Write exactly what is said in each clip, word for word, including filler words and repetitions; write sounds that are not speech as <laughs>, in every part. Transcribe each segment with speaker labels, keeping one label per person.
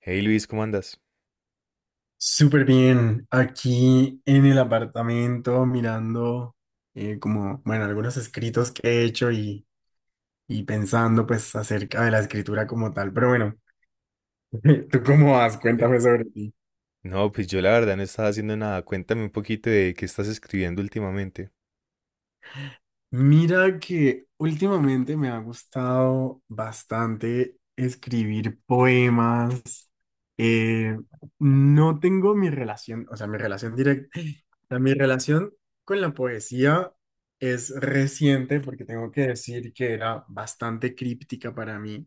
Speaker 1: Hey Luis, ¿cómo andas?
Speaker 2: Súper bien, aquí en el apartamento mirando eh, como, bueno, algunos escritos que he hecho y, y pensando pues acerca de la escritura como tal, pero bueno, <laughs> ¿tú cómo vas?
Speaker 1: Eh,
Speaker 2: Cuéntame sobre ti.
Speaker 1: No, pues yo la verdad no estaba haciendo nada. Cuéntame un poquito de qué estás escribiendo últimamente.
Speaker 2: Mira que últimamente me ha gustado bastante escribir poemas. Eh, no tengo mi relación, o sea, mi relación directa, mi relación con la poesía es reciente porque tengo que decir que era bastante críptica para mí,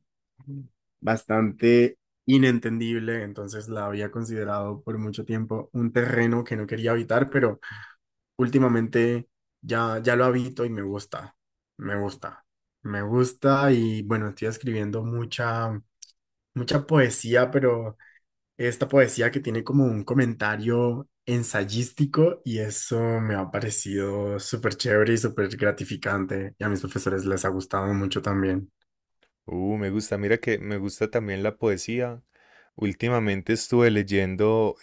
Speaker 2: bastante inentendible, entonces la había considerado por mucho tiempo un terreno que no quería habitar, pero últimamente ya, ya lo habito y me gusta, me gusta, me gusta y bueno, estoy escribiendo mucha, mucha poesía, pero esta poesía que tiene como un comentario ensayístico y eso me ha parecido súper chévere y súper gratificante y a mis profesores les ha gustado mucho también,
Speaker 1: Uh, me gusta. Mira que me gusta también la poesía. Últimamente estuve leyendo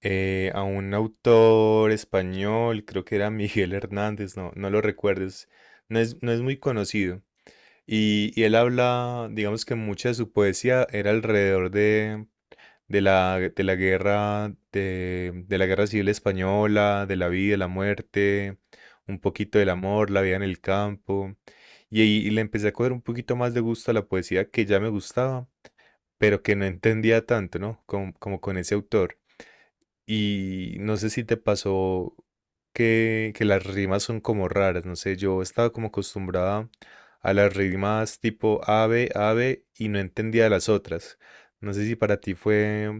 Speaker 1: eh, a un autor español, creo que era <laughs> Miguel Hernández, no, no lo recuerdes. No es, no es muy conocido. Y, y él habla, digamos que mucha de su poesía era alrededor de, de la, de la guerra, de, de la guerra civil española, de la vida, la muerte, un poquito del amor, la vida en el campo. Y ahí le empecé a coger un poquito más de gusto a la poesía que ya me gustaba, pero que no entendía tanto, ¿no? Como, como con ese autor. Y no sé si te pasó que, que las rimas son como raras, no sé, yo estaba como acostumbrada a las rimas tipo ave, ave y no entendía las otras. No sé si para ti fue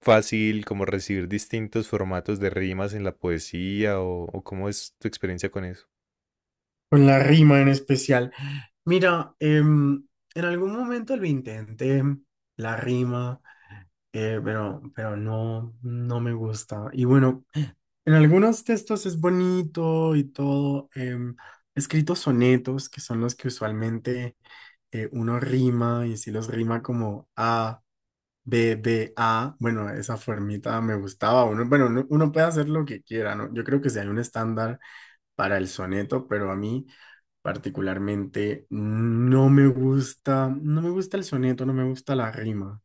Speaker 1: fácil como recibir distintos formatos de rimas en la poesía o, o ¿cómo es tu experiencia con eso?
Speaker 2: con la rima en especial. Mira, em, en algún momento lo intenté, la rima. eh, pero, pero no, no me gusta. Y bueno, en algunos textos es bonito y todo. em, he escrito sonetos, que son los que usualmente eh, uno rima y si los rima como A, B, B, A. Bueno, esa formita me gustaba. Uno, bueno, uno, uno puede hacer lo que quiera, ¿no? Yo creo que si hay un estándar para el soneto, pero a mí particularmente no me gusta, no me gusta el soneto, no me gusta la rima.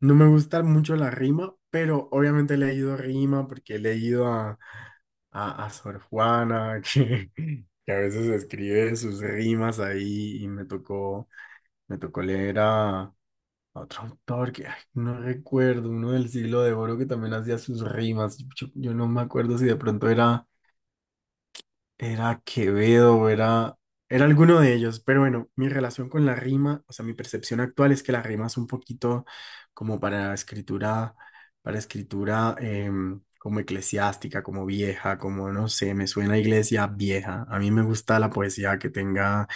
Speaker 2: No me gusta mucho la rima, pero obviamente he leído rima porque he leído a, a, a Sor Juana, <laughs> que, que a veces escribe sus rimas ahí y me tocó, me tocó leer a, a otro autor que ay, no recuerdo, uno del siglo de oro que también hacía sus rimas. Yo, yo no me acuerdo si de pronto era era Quevedo, o era, era alguno de ellos, pero bueno, mi relación con la rima, o sea, mi percepción actual es que la rima es un poquito como para escritura, para escritura em, como eclesiástica, como vieja, como no sé, me suena a iglesia vieja. A mí me gusta la poesía que tenga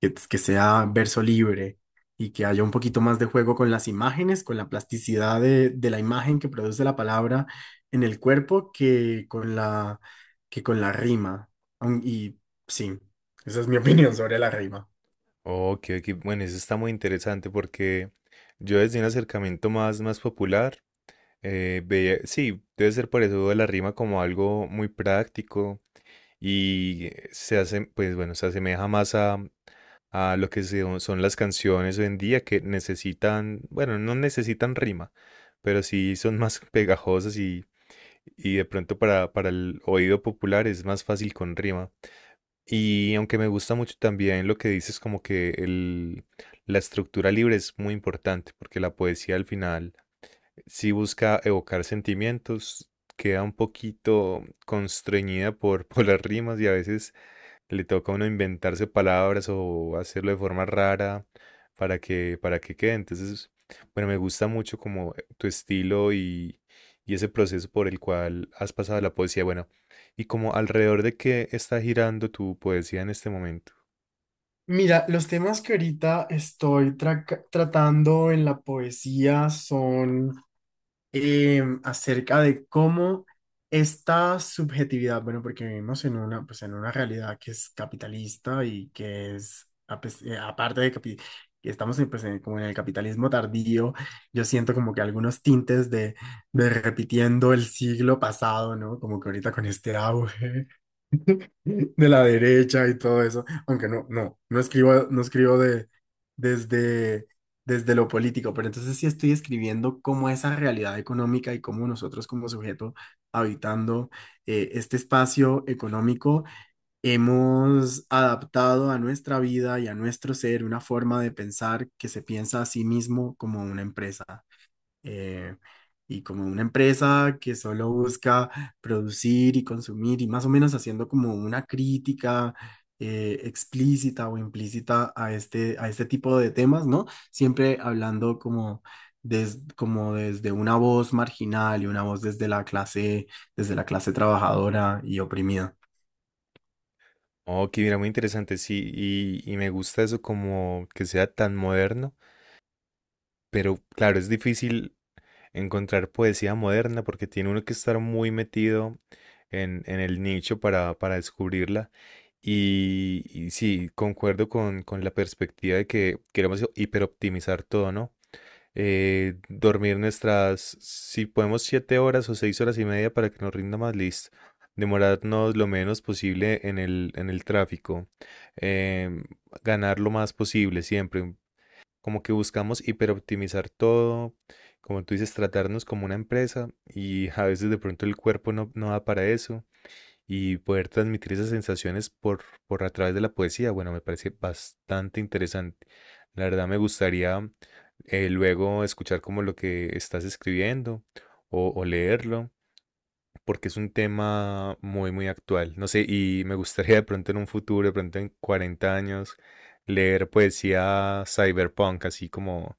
Speaker 2: que, que sea verso libre y que haya un poquito más de juego con las imágenes, con la plasticidad de, de la imagen que produce la palabra en el cuerpo que con la, que con la rima. Aun- Y sí, esa es mi <laughs> opinión sobre la rima.
Speaker 1: Ok, ok, bueno, eso está muy interesante porque yo desde un acercamiento más, más popular, eh, veía, sí, debe ser por eso de la rima como algo muy práctico y se hace, pues bueno, se asemeja más a, a lo que se- son las canciones hoy en día que necesitan, bueno, no necesitan rima, pero sí son <laughs> más pegajosas. Y de pronto para, para el oído popular es más fácil con rima. Y aunque me gusta mucho también lo que dices, como que el, la estructura libre es muy importante, porque la poesía al final sí busca evocar sentimientos, queda un poquito constreñida por, <laughs> por las rimas y a veces le toca a uno inventarse palabras o hacerlo de forma rara para que, para que quede. Entonces, bueno, me gusta mucho como eh, tu estilo y, y ese proceso por el cual has pasado la poesía. Bueno, y como alrededor de qué está girando tu poesía en este momento.
Speaker 2: Mira, los temas que ahorita estoy tra- tratando en la poesía son em, acerca de cómo esta subjetividad, bueno, porque vivimos en una, pues en una realidad que es capitalista y que es, a pes- eh, aparte de capi- que estamos en, pues, en- como en el capitalismo tardío, yo siento como que algunos tintes de, de repitiendo el siglo pasado, ¿no? Como que ahorita con este auge de la derecha y todo eso, aunque no, no, no escribo, no escribo de, desde, desde lo político, pero entonces sí estoy escribiendo cómo esa realidad económica y cómo nosotros como sujeto habitando eh, este espacio económico hemos adaptado a nuestra vida y a nuestro ser una forma de pensar que se piensa a sí mismo como una empresa, eh, y como una empresa que solo busca producir y consumir y más o menos haciendo como una crítica eh, explícita o implícita a este, a este tipo de temas, ¿no? Siempre hablando como, des- como desde una voz marginal y una voz desde la clase, desde la clase trabajadora y oprimida.
Speaker 1: Ok, mira, muy interesante, sí, y, y me gusta eso como que sea tan moderno, pero claro, es difícil encontrar poesía moderna porque tiene uno que estar muy metido en, en el nicho para, para descubrirla. Y, y sí, concuerdo con, con la perspectiva de que queremos hiperoptimizar todo, ¿no? Eh, dormir nuestras, si podemos, siete horas o seis horas y media para que nos rinda más listo. Demorarnos lo menos posible en el, en el tráfico. em, Ganar lo más posible siempre como que buscamos hiperoptimizar todo, como tú dices, tratarnos como una empresa y a veces de pronto el cuerpo no, no da para eso y poder transmitir esas sensaciones por, por a través de la poesía, bueno, me parece bastante interesante. La verdad me gustaría eh, luego escuchar como lo que estás escribiendo o, o leerlo, porque es un tema muy, muy actual. No sé, y me gustaría de pronto en un futuro, de pronto en cuarenta años, leer poesía cyberpunk, así como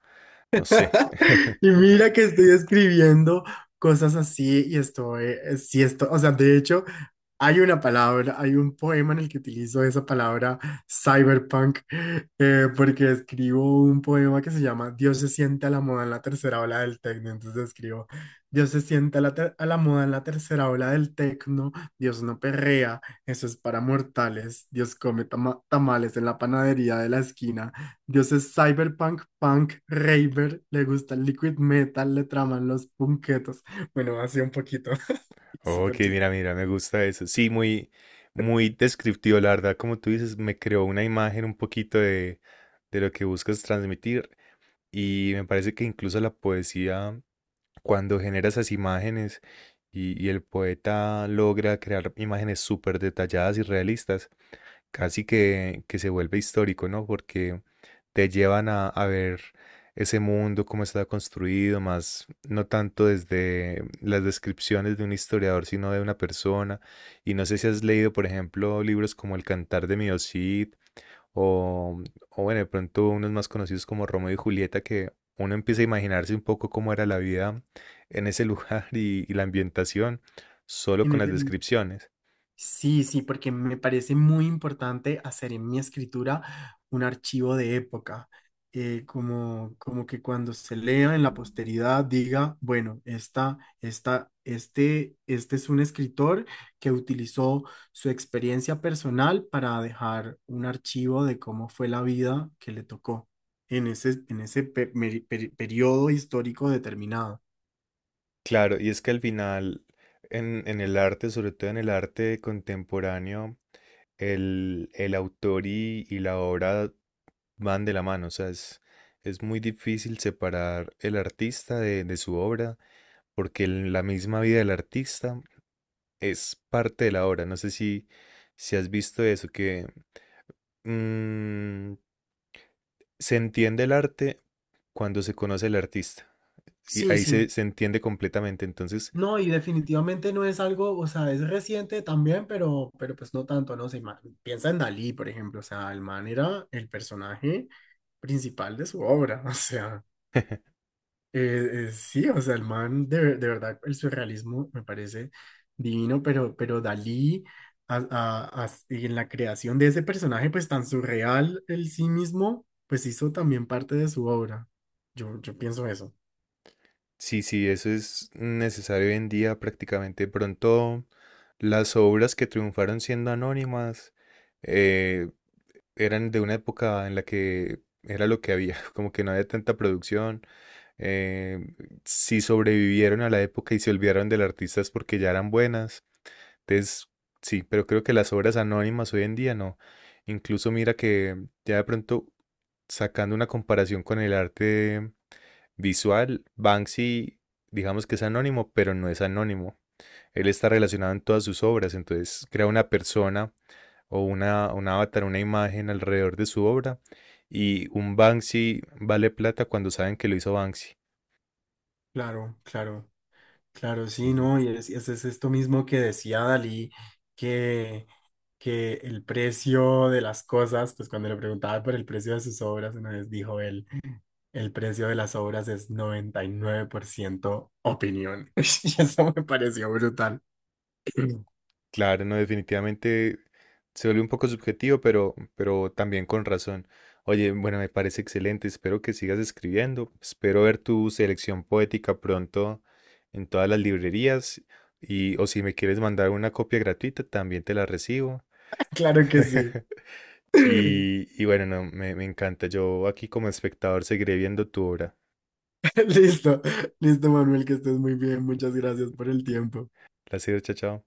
Speaker 1: no sé. <laughs>
Speaker 2: Y mira que estoy escribiendo cosas así y estoy, eh, sí, esto, o sea, de hecho, hay una palabra, hay un poema en el que utilizo esa palabra cyberpunk, eh, porque escribo un poema que se llama Dios se sienta a la moda en la tercera ola del tecno. Entonces escribo, Dios se sienta a la, ter- a la moda en la tercera ola del tecno, Dios no perrea, eso es para mortales, Dios come tama- tamales en la panadería de la esquina. Dios es cyberpunk, punk, raver, le gusta el liquid metal, le traman los punquetos. Bueno, así un poquito. <laughs>
Speaker 1: Ok,
Speaker 2: Súper
Speaker 1: mira, mira, me gusta eso. Sí, muy, muy descriptivo, la verdad. Como tú dices, me creó una imagen un poquito de, de lo que buscas transmitir. Y me parece que incluso la poesía, cuando genera esas imágenes y, y el poeta logra crear imágenes súper detalladas y realistas, casi que, que se vuelve histórico, ¿no? Porque te llevan a, a ver ese mundo, cómo está construido, más no tanto desde las descripciones de un historiador, sino de una persona. Y no sé si has leído, por ejemplo, libros como El Cantar de Mio Cid o, o bueno, de pronto unos más conocidos como Romeo y Julieta, que uno empieza a imaginarse un poco cómo era la vida en ese <laughs> lugar y, y la ambientación solo con las
Speaker 2: chiste.
Speaker 1: descripciones.
Speaker 2: Sí, sí, porque me parece muy importante hacer en mi escritura un archivo de época, eh, como, como que cuando se lea en la posteridad diga, bueno, esta, esta, este, este es un escritor que utilizó su experiencia personal para dejar un archivo de cómo fue la vida que le tocó en ese, en ese pe- meri- peri- periodo histórico determinado.
Speaker 1: Claro, y es que al final, en, en el arte, sobre todo en el arte contemporáneo, el, el autor y, y la obra van de la mano. O sea, es, es muy difícil separar el artista de, de su obra, porque el- la misma vida del artista es parte de la obra. No sé si, si has visto eso, que mm, se entiende el arte cuando se conoce el artista. Y
Speaker 2: Sí,
Speaker 1: ahí
Speaker 2: sí,
Speaker 1: se, se entiende completamente. Entonces,
Speaker 2: no, y definitivamente no es algo, o sea, es reciente también, pero, pero pues no tanto, ¿no? O sea, ima- piensa en Dalí, por ejemplo, o sea, el man era el personaje principal de su obra, <laughs> o sea, eh, eh, sí, o sea, el man, de, ver- de verdad, el surrealismo me parece divino, pero, pero Dalí, a- a- a- y en la creación de ese personaje, pues tan surreal el sí mismo, pues hizo también parte de su obra. Yo, yo pienso eso,
Speaker 1: sí, sí, eso es necesario hoy en día prácticamente. Pronto las obras que triunfaron siendo anónimas eh, eran de una época en la que era lo que había, <laughs> como que no había tanta producción. eh, si sobrevivieron a la época y se olvidaron del artista es porque ya eran buenas. Entonces, sí, pero creo que las obras anónimas hoy en día no. Incluso mira que ya de pronto sacando una comparación con el arte visual, Banksy, digamos que es anónimo, pero no es anónimo. Él está relacionado en todas sus obras, entonces crea una persona o una, un avatar, una imagen alrededor de su obra. Y un Banksy vale plata cuando saben que lo hizo Banksy.
Speaker 2: claro, claro. Claro,
Speaker 1: Sí,
Speaker 2: sí,
Speaker 1: sí.
Speaker 2: ¿no? Y es, es- es esto mismo que decía Dalí, que, que el precio de las cosas, pues cuando le preguntaba por el precio de sus obras, una vez dijo él, el precio de las obras es noventa y nueve por ciento opinión. <laughs> Y eso me pareció brutal. <clears throat>
Speaker 1: Claro, no, definitivamente se vuelve un poco subjetivo, pero, pero también con razón. Oye, bueno, me parece excelente. Espero que sigas escribiendo. Espero ver tu selección poética pronto en todas las librerías. Y, o si me quieres mandar una copia gratuita, también te la recibo.
Speaker 2: <laughs> Claro que sí.
Speaker 1: <laughs>
Speaker 2: <laughs>
Speaker 1: Y, y bueno, no, me, me encanta. Yo aquí como espectador seguiré viendo tu obra.
Speaker 2: Listo, listo, Manuel, que estés muy bien. Muchas gracias por el tiempo.
Speaker 1: Placer, chao, chao.